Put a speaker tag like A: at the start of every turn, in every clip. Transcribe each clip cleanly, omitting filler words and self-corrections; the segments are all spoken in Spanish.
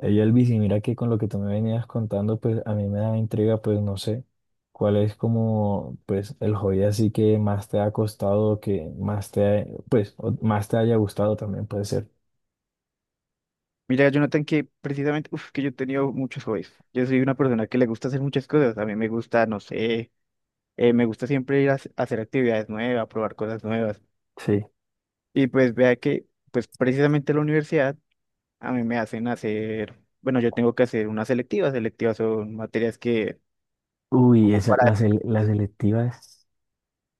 A: Ey, Elvis, y mira que con lo que tú me venías contando, pues a mí me da intriga, pues no sé cuál es como, pues el hobby así que más te ha costado, que más te, ha- pues o más te haya gustado también puede ser.
B: Mira, Jonathan, que precisamente, que yo he tenido muchos hobbies. Yo soy una persona que le gusta hacer muchas cosas. A mí me gusta, no sé, me gusta siempre ir a hacer actividades nuevas, probar cosas nuevas.
A: Sí.
B: Y pues vea pues precisamente la universidad a mí me hacen hacer, bueno, yo tengo que hacer unas selectivas. Selectivas son materias que...
A: Uy,
B: Para...
A: las selectivas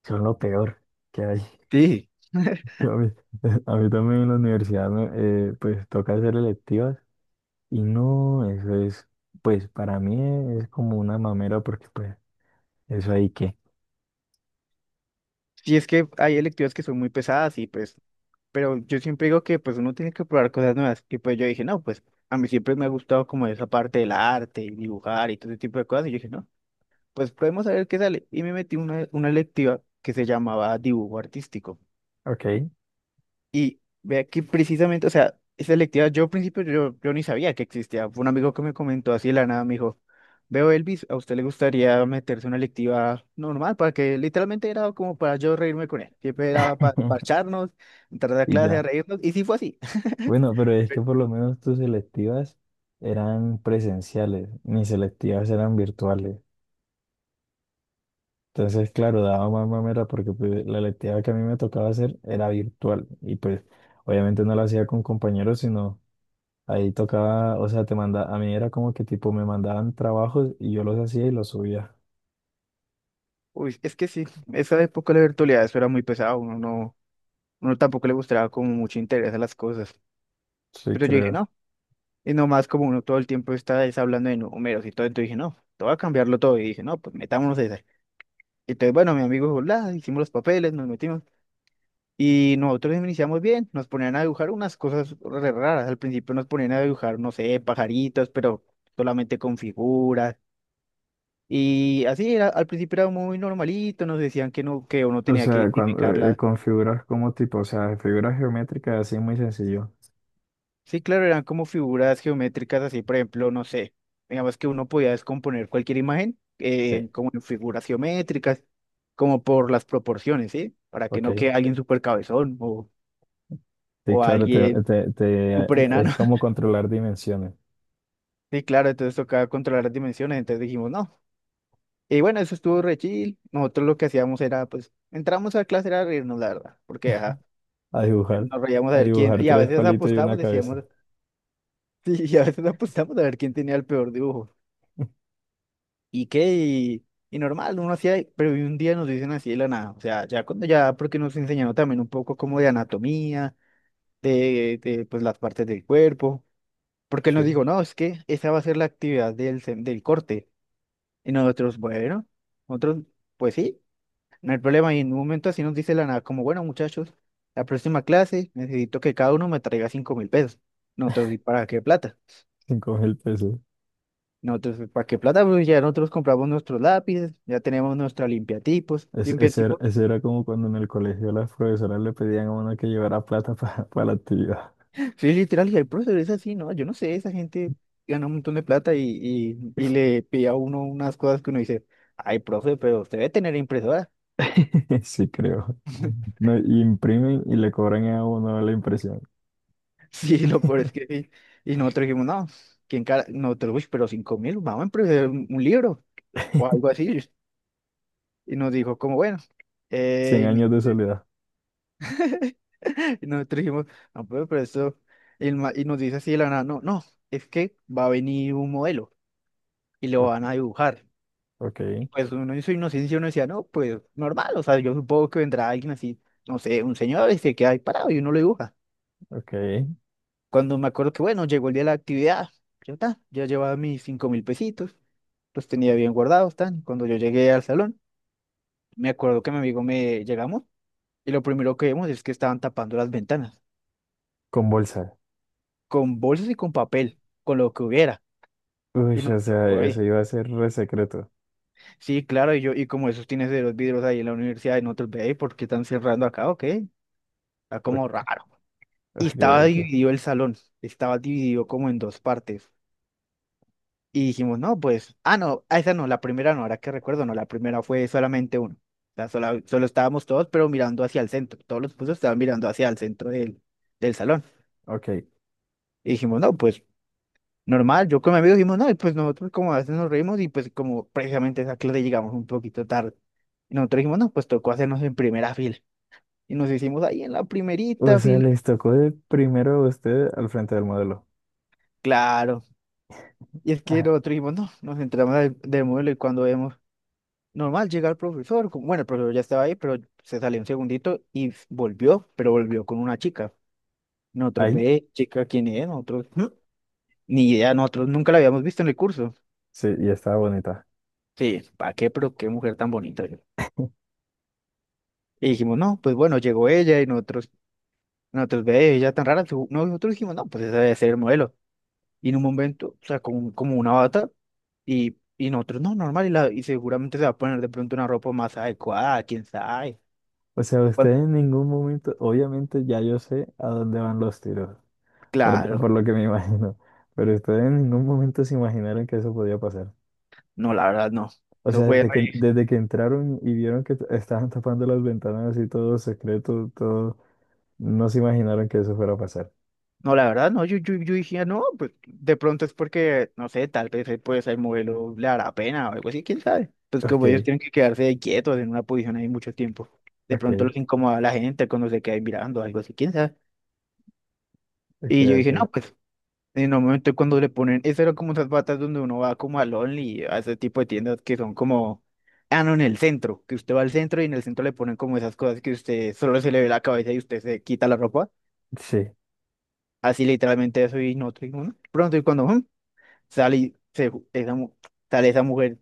A: son lo peor que hay.
B: Sí,
A: Yo A mí, a mí también en la universidad, pues toca hacer electivas y no, eso es, pues para mí es como una mamera porque pues eso ahí que,
B: sí, es que hay electivas que son muy pesadas y pues pero yo siempre digo que pues uno tiene que probar cosas nuevas. Y pues yo dije, no, pues a mí siempre me ha gustado como esa parte del arte y dibujar y todo ese tipo de cosas. Y yo dije, no, pues podemos saber qué sale. Y me metí una electiva que se llamaba dibujo artístico.
A: ok,
B: Y vea que precisamente, o sea, esa electiva, yo al principio yo ni sabía que existía. Fue un amigo que me comentó así de la nada, me dijo, veo Elvis, ¿a usted le gustaría meterse una electiva normal? Para que literalmente era como para yo reírme con él. Siempre era para parcharnos, entrar a la
A: y
B: clase a
A: ya.
B: reírnos. Y sí fue así.
A: Bueno, pero es que por lo menos tus selectivas eran presenciales, mis selectivas eran virtuales. Entonces, claro, daba más mamera porque pues, la electiva que a mí me tocaba hacer era virtual y pues obviamente no la hacía con compañeros, sino ahí tocaba, o sea, te manda, a mí era como que tipo me mandaban trabajos y yo los hacía y los subía.
B: Uy, es que sí, esa época de la virtualidad eso era muy pesado, uno no, uno tampoco le mostraba como mucho interés a las cosas.
A: Sí,
B: Pero yo dije,
A: creo.
B: no, y nomás como uno todo el tiempo está es hablando de números y todo, entonces dije, no, todo a cambiarlo todo. Y dije, no, pues metámonos a esa. Entonces, bueno, mi amigo dijo, "La", hicimos los papeles, nos metimos. Y nosotros iniciamos bien, nos ponían a dibujar unas cosas re raras. Al principio nos ponían a dibujar, no sé, pajaritos, pero solamente con figuras. Y así era, al principio era muy normalito, nos decían que no, que uno
A: O
B: tenía que
A: sea, cuando
B: identificarlas.
A: con figuras como tipo, o sea, figuras geométricas así muy sencillo.
B: Sí, claro, eran como figuras geométricas así, por ejemplo, no sé, digamos que uno podía descomponer cualquier imagen
A: Sí,
B: como en figuras geométricas, como por las proporciones, ¿sí? Para que
A: ok.
B: no quede alguien súper cabezón o
A: Sí,
B: sí, claro,
A: claro,
B: alguien
A: te- te-
B: súper enano.
A: es como controlar dimensiones.
B: Sí, claro, entonces tocaba controlar las dimensiones, entonces dijimos no. Y bueno, eso estuvo re chill. Nosotros lo que hacíamos era, pues, entramos a clase era reírnos, la verdad, porque ajá,
A: A dibujar,
B: nos reíamos a
A: a
B: ver quién,
A: dibujar
B: y a
A: tres
B: veces
A: palitos y una
B: apostábamos,
A: cabeza.
B: decíamos, sí, y a veces apostábamos a ver quién tenía el peor dibujo. ¿Y qué? Y normal, uno hacía, pero un día nos dicen así de la nada, o sea, ya cuando ya, porque nos enseñaron también un poco como de anatomía, pues las partes del cuerpo, porque él nos
A: Sí,
B: dijo, no, es que esa va a ser la actividad del del corte, y nosotros, bueno, nosotros, pues sí, no hay problema, y en un momento así nos dice de la nada, como, bueno, muchachos, la próxima clase necesito que cada uno me traiga 5000 pesos, nosotros, ¿y para qué plata?
A: 5.000 pesos.
B: Nosotros, ¿para qué plata? Pues ya nosotros compramos nuestros lápices, ya tenemos nuestra limpiatipos,
A: Es- ese era,
B: limpiatipos.
A: ese era como cuando en el colegio las profesoras le pedían a uno que llevara plata para la actividad.
B: Sí, literal, y el profesor es así, ¿no? Yo no sé, esa gente gana un montón de plata y le pide a uno unas cosas que uno dice, ay, profe, pero usted debe tener impresora.
A: Sí, creo. No, y imprimen y le cobran a uno la impresión.
B: Sí, lo peor es que sí. Y nosotros dijimos, no, ¿quién cara? Nosotros, uy, pero 5000, vamos a imprimir un libro o algo así. Y nos dijo, como bueno,
A: 100
B: eh,
A: años de soledad.
B: y nosotros dijimos, no, pero eso, y, el y nos dice así de la nada, no, no, es que va a venir un modelo y lo
A: Ok,
B: van a dibujar.
A: ok,
B: Y pues uno en su inocencia uno decía, no, pues normal, o sea, yo supongo que vendrá alguien así, no sé, un señor y se queda ahí parado y uno lo dibuja.
A: ok.
B: Cuando me acuerdo que, bueno, llegó el día de la actividad, ya está, ya llevaba mis 5000 pesitos, los tenía bien guardados, tan. Cuando yo llegué al salón, me acuerdo que mi amigo me llegamos y lo primero que vemos es que estaban tapando las ventanas
A: Con bolsa.
B: con bolsas y con papel, con lo que hubiera.
A: Uy,
B: Y
A: o
B: nosotros,
A: sea, eso
B: "Uy,
A: iba a ser re secreto.
B: sí, claro, y yo, y como esos tienes de los vidrios ahí en la universidad, y nosotros, ve, ¿por qué están cerrando acá? Ok, está
A: Ok,
B: como raro. Y
A: ok,
B: estaba
A: ok.
B: dividido el salón, estaba dividido como en 2 partes. Y dijimos, no, pues, ah, no, a esa no, la primera no, ahora que recuerdo, no, la primera fue solamente uno. O sea, solo, estábamos todos, pero mirando hacia el centro. Todos los puestos estaban mirando hacia el centro del salón.
A: Ok.
B: Y dijimos, no, pues normal, yo con mi amigo dijimos, no, y pues nosotros como a veces nos reímos y pues como precisamente a esa clase llegamos un poquito tarde. Y nosotros dijimos, no, pues tocó hacernos en primera fila. Y nos hicimos ahí en la
A: O
B: primerita
A: sea,
B: fila.
A: les tocó de primero a usted al frente del modelo.
B: Claro. Y es que
A: Ajá.
B: nosotros dijimos, no, nos entramos del modelo y cuando vemos, normal, llega el profesor. Bueno, el profesor ya estaba ahí, pero se salió un segundito y volvió, pero volvió con una chica. Nosotros,
A: Ahí,
B: ve, chica, ¿quién es? Nosotros, "Mm", ni idea, nosotros nunca la habíamos visto en el curso.
A: sí, y estaba bonita.
B: Sí, ¿para qué? Pero qué mujer tan bonita. Y dijimos, no, pues bueno, llegó ella y nosotros ve ella tan rara. No, nosotros dijimos, no, pues ese debe ser el modelo. Y en un momento, o sea, como, como una bata, y nosotros, no, normal, y, la, y seguramente se va a poner de pronto una ropa más adecuada, quién sabe.
A: O sea, usted
B: Bueno,
A: en ningún momento, obviamente ya yo sé a dónde van los tiros, por,
B: claro,
A: por lo que me imagino, pero ustedes en ningún momento se imaginaron que eso podía pasar.
B: no, la verdad no.
A: O
B: Eso
A: sea,
B: fue
A: desde que,
B: re-
A: desde que entraron y vieron que estaban tapando las ventanas y todo secreto, todo, no se imaginaron que eso fuera a pasar.
B: no, la verdad, no, yo dije, no, pues de pronto es porque, no sé, tal vez pues el modelo le hará pena o algo así, quién sabe. Pues
A: Ok,
B: como ellos tienen que quedarse ahí quietos en una posición ahí mucho tiempo, de
A: ok,
B: pronto los incomoda a la gente cuando se quedan mirando, algo así, quién sabe.
A: ok,
B: Y yo dije,
A: ok.
B: no, pues en un momento cuando le ponen, esas eran como esas batas donde uno va como al Only, a ese tipo de tiendas que son como, ah, no, en el centro, que usted va al centro y en el centro le ponen como esas cosas que usted solo se le ve la cabeza y usted se quita la ropa.
A: Sí,
B: Así literalmente eso y no tengo uno. Pronto y cuando, sale, y se, sale esa mujer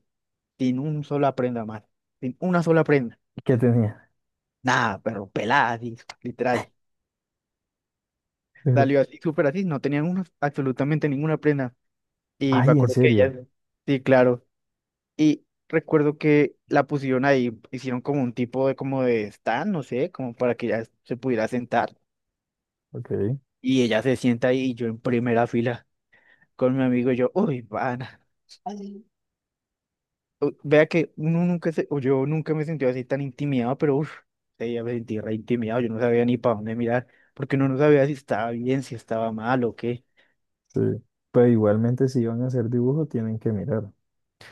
B: sin un sola prenda más, sin una sola prenda.
A: ¿qué tenía?
B: Nada, pero pelada, así, literal.
A: Pero,
B: Salió así, súper así, no tenían absolutamente ninguna prenda. Y me
A: ay, en
B: acuerdo que
A: serio.
B: ella, sí, claro. Y recuerdo que la pusieron ahí, hicieron como un tipo de como de stand, no sé, como para que ella se pudiera sentar.
A: Ok.
B: Y ella se sienta ahí y yo en primera fila con mi amigo y yo, uy, van. Vea que uno nunca se, o yo nunca me sentí así tan intimidado, pero uff, ya me sentí re intimidado, yo no sabía ni para dónde mirar, porque uno no sabía si estaba bien, si estaba mal o qué.
A: Sí. Pero igualmente si van a hacer dibujo tienen que mirar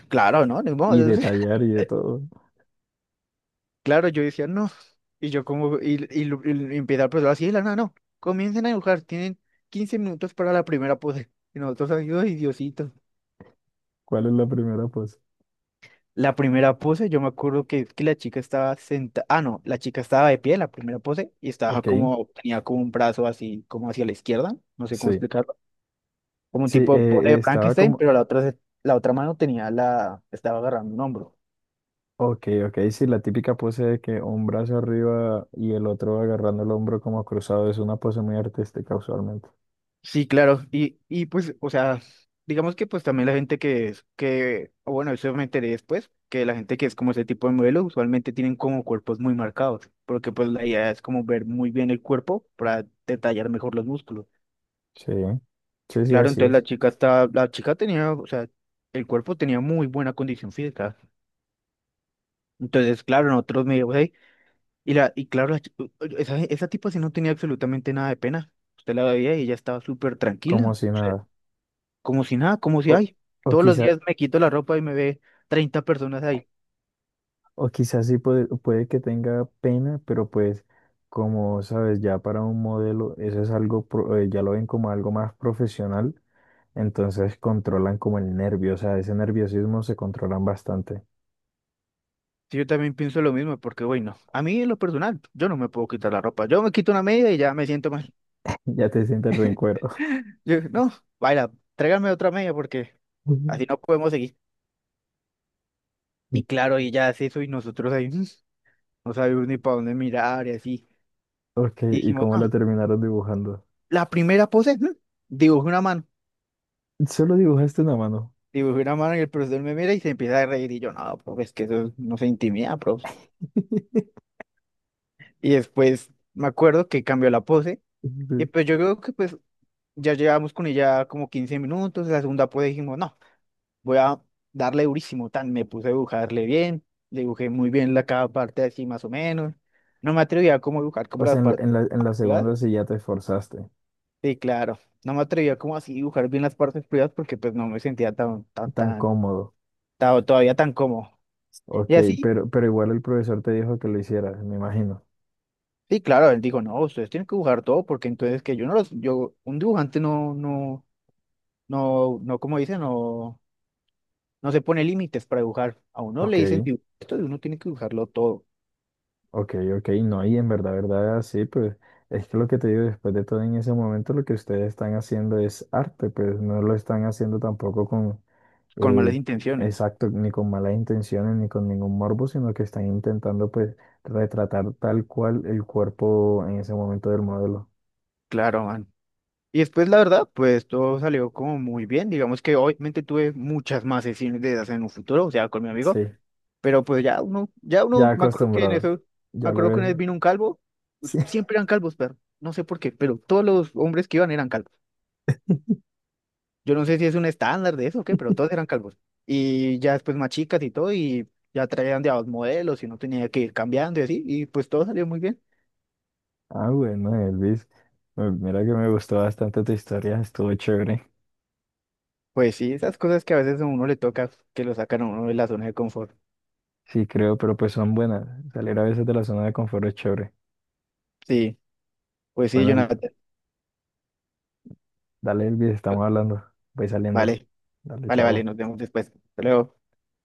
B: Claro, ¿no? Ni
A: y
B: modo,
A: detallar y de todo.
B: claro, yo decía no. Y yo como, y empieza el profesor así, de la nada, no, comiencen a dibujar, tienen 15 minutos para la primera pose. Y nosotros, ay, ay, Diosito.
A: ¿Cuál es la primera pose?
B: La primera pose, yo me acuerdo que la chica estaba sentada, ah, no, la chica estaba de pie, la primera pose, y estaba
A: Ok,
B: como, tenía como un brazo así, como hacia la izquierda, no sé cómo
A: sí.
B: explicarlo, como un
A: Sí,
B: tipo de pose de
A: estaba
B: Frankenstein,
A: como,
B: pero la otra, la otra mano tenía la, estaba agarrando un hombro.
A: ok, ok, sí, la típica pose de que un brazo arriba y el otro agarrando el hombro como cruzado es una pose muy artística usualmente.
B: Sí, claro, y pues, o sea, digamos que pues también la gente que es, que, o bueno, eso me enteré después, que la gente que es como ese tipo de modelo usualmente tienen como cuerpos muy marcados, porque pues la idea es como ver muy bien el cuerpo para detallar mejor los músculos.
A: Sí, sí, sí,
B: Claro,
A: así
B: entonces la
A: es.
B: chica está, la chica tenía, o sea, el cuerpo tenía muy buena condición física. Entonces, claro, nosotros medio ahí. Y la, y claro, la chi- u- u- esa tipa sí no tenía absolutamente nada de pena. Usted la veía y ella estaba súper
A: Como
B: tranquila,
A: si
B: o sea,
A: nada.
B: como si nada, como si
A: O,
B: ay,
A: o
B: todos los días me quito la ropa y me ve 30 personas ahí.
A: O quizás sí puede que tenga pena, pero pues como sabes, ya para un modelo eso es algo, pro- ya lo ven como algo más profesional, entonces controlan como el nervio, o sea, ese nerviosismo se controlan bastante.
B: Sí, yo también pienso lo mismo, porque bueno, a mí en lo personal, yo no me puedo quitar la ropa. Yo me quito una media y ya me siento mal.
A: Ya te sientes re en cuero.
B: Yo, no, baila, tráigame otra media porque así no podemos seguir. Y claro, y ella hace eso y nosotros no sabemos ni para dónde mirar y así.
A: Ok,
B: Y
A: ¿y
B: dijimos,
A: cómo
B: no
A: la terminaron dibujando?
B: la primera pose, dibujé una mano.
A: Solo dibujaste una mano.
B: Dibujé una mano y el profesor me mira y se empieza a reír. Y yo, no, profe, es que eso no se intimida, profe. Y después me acuerdo que cambió la pose. Y
A: Sí.
B: pues yo creo que pues ya llevamos con ella como 15 minutos. La segunda pose dijimos, no, voy a darle durísimo. Tan, me puse a dibujarle bien. Dibujé muy bien la cada parte así más o menos. No me atrevía a como dibujar como
A: O sea,
B: las
A: en la,
B: partes.
A: en la, en la segunda sí ya te esforzaste,
B: Sí, claro. No me atrevía como así dibujar bien las partes privadas porque pues no me sentía
A: tan cómodo.
B: todavía tan cómodo.
A: Ok,
B: Y así,
A: pero igual el profesor te dijo que lo hicieras, me imagino.
B: sí, claro, él dijo, no, ustedes tienen que dibujar todo porque entonces que yo no los, yo, un dibujante no, como dicen, no, no se pone límites para dibujar. A uno le
A: Ok.
B: dicen, Esto de uno tiene que dibujarlo todo,
A: Ok, ok, no, y en verdad, verdad, sí, pues es que lo que te digo, después de todo en ese momento lo que ustedes están haciendo es arte, pues no lo están haciendo tampoco con,
B: con malas
A: eh,
B: intenciones.
A: exacto, ni con malas intenciones, ni con ningún morbo, sino que están intentando pues retratar tal cual el cuerpo en ese momento del modelo.
B: Claro, man. Y después, la verdad, pues todo salió como muy bien. Digamos que obviamente tuve muchas más sesiones de esas en un futuro, o sea, con mi amigo.
A: Sí,
B: Pero pues ya
A: ya
B: uno, me acuerdo que en
A: acostumbrado,
B: eso, me
A: ya lo
B: acuerdo que
A: es.
B: una vez vino un calvo,
A: Sí.
B: pues, siempre eran calvos, pero no sé por qué, pero todos los hombres que iban eran calvos. Yo no sé si es un estándar de eso o qué, pero todos eran calvos. Y ya después más chicas y todo, y ya traían de a 2 modelos y no tenía que ir cambiando y así, y pues todo salió muy bien.
A: Ah, bueno, Elvis, mira que me gustó bastante tu historia, estuvo chévere.
B: Pues sí, esas cosas que a veces a uno le toca, que lo sacan a uno de la zona de confort.
A: Sí, creo, pero pues son buenas. Salir a veces de la zona de confort es chévere.
B: Sí, pues sí,
A: Bueno,
B: Jonathan.
A: dale, Elvis, estamos hablando. Voy saliendo.
B: Vale,
A: Dale,
B: vale,
A: chao.
B: nos vemos después. Hasta luego.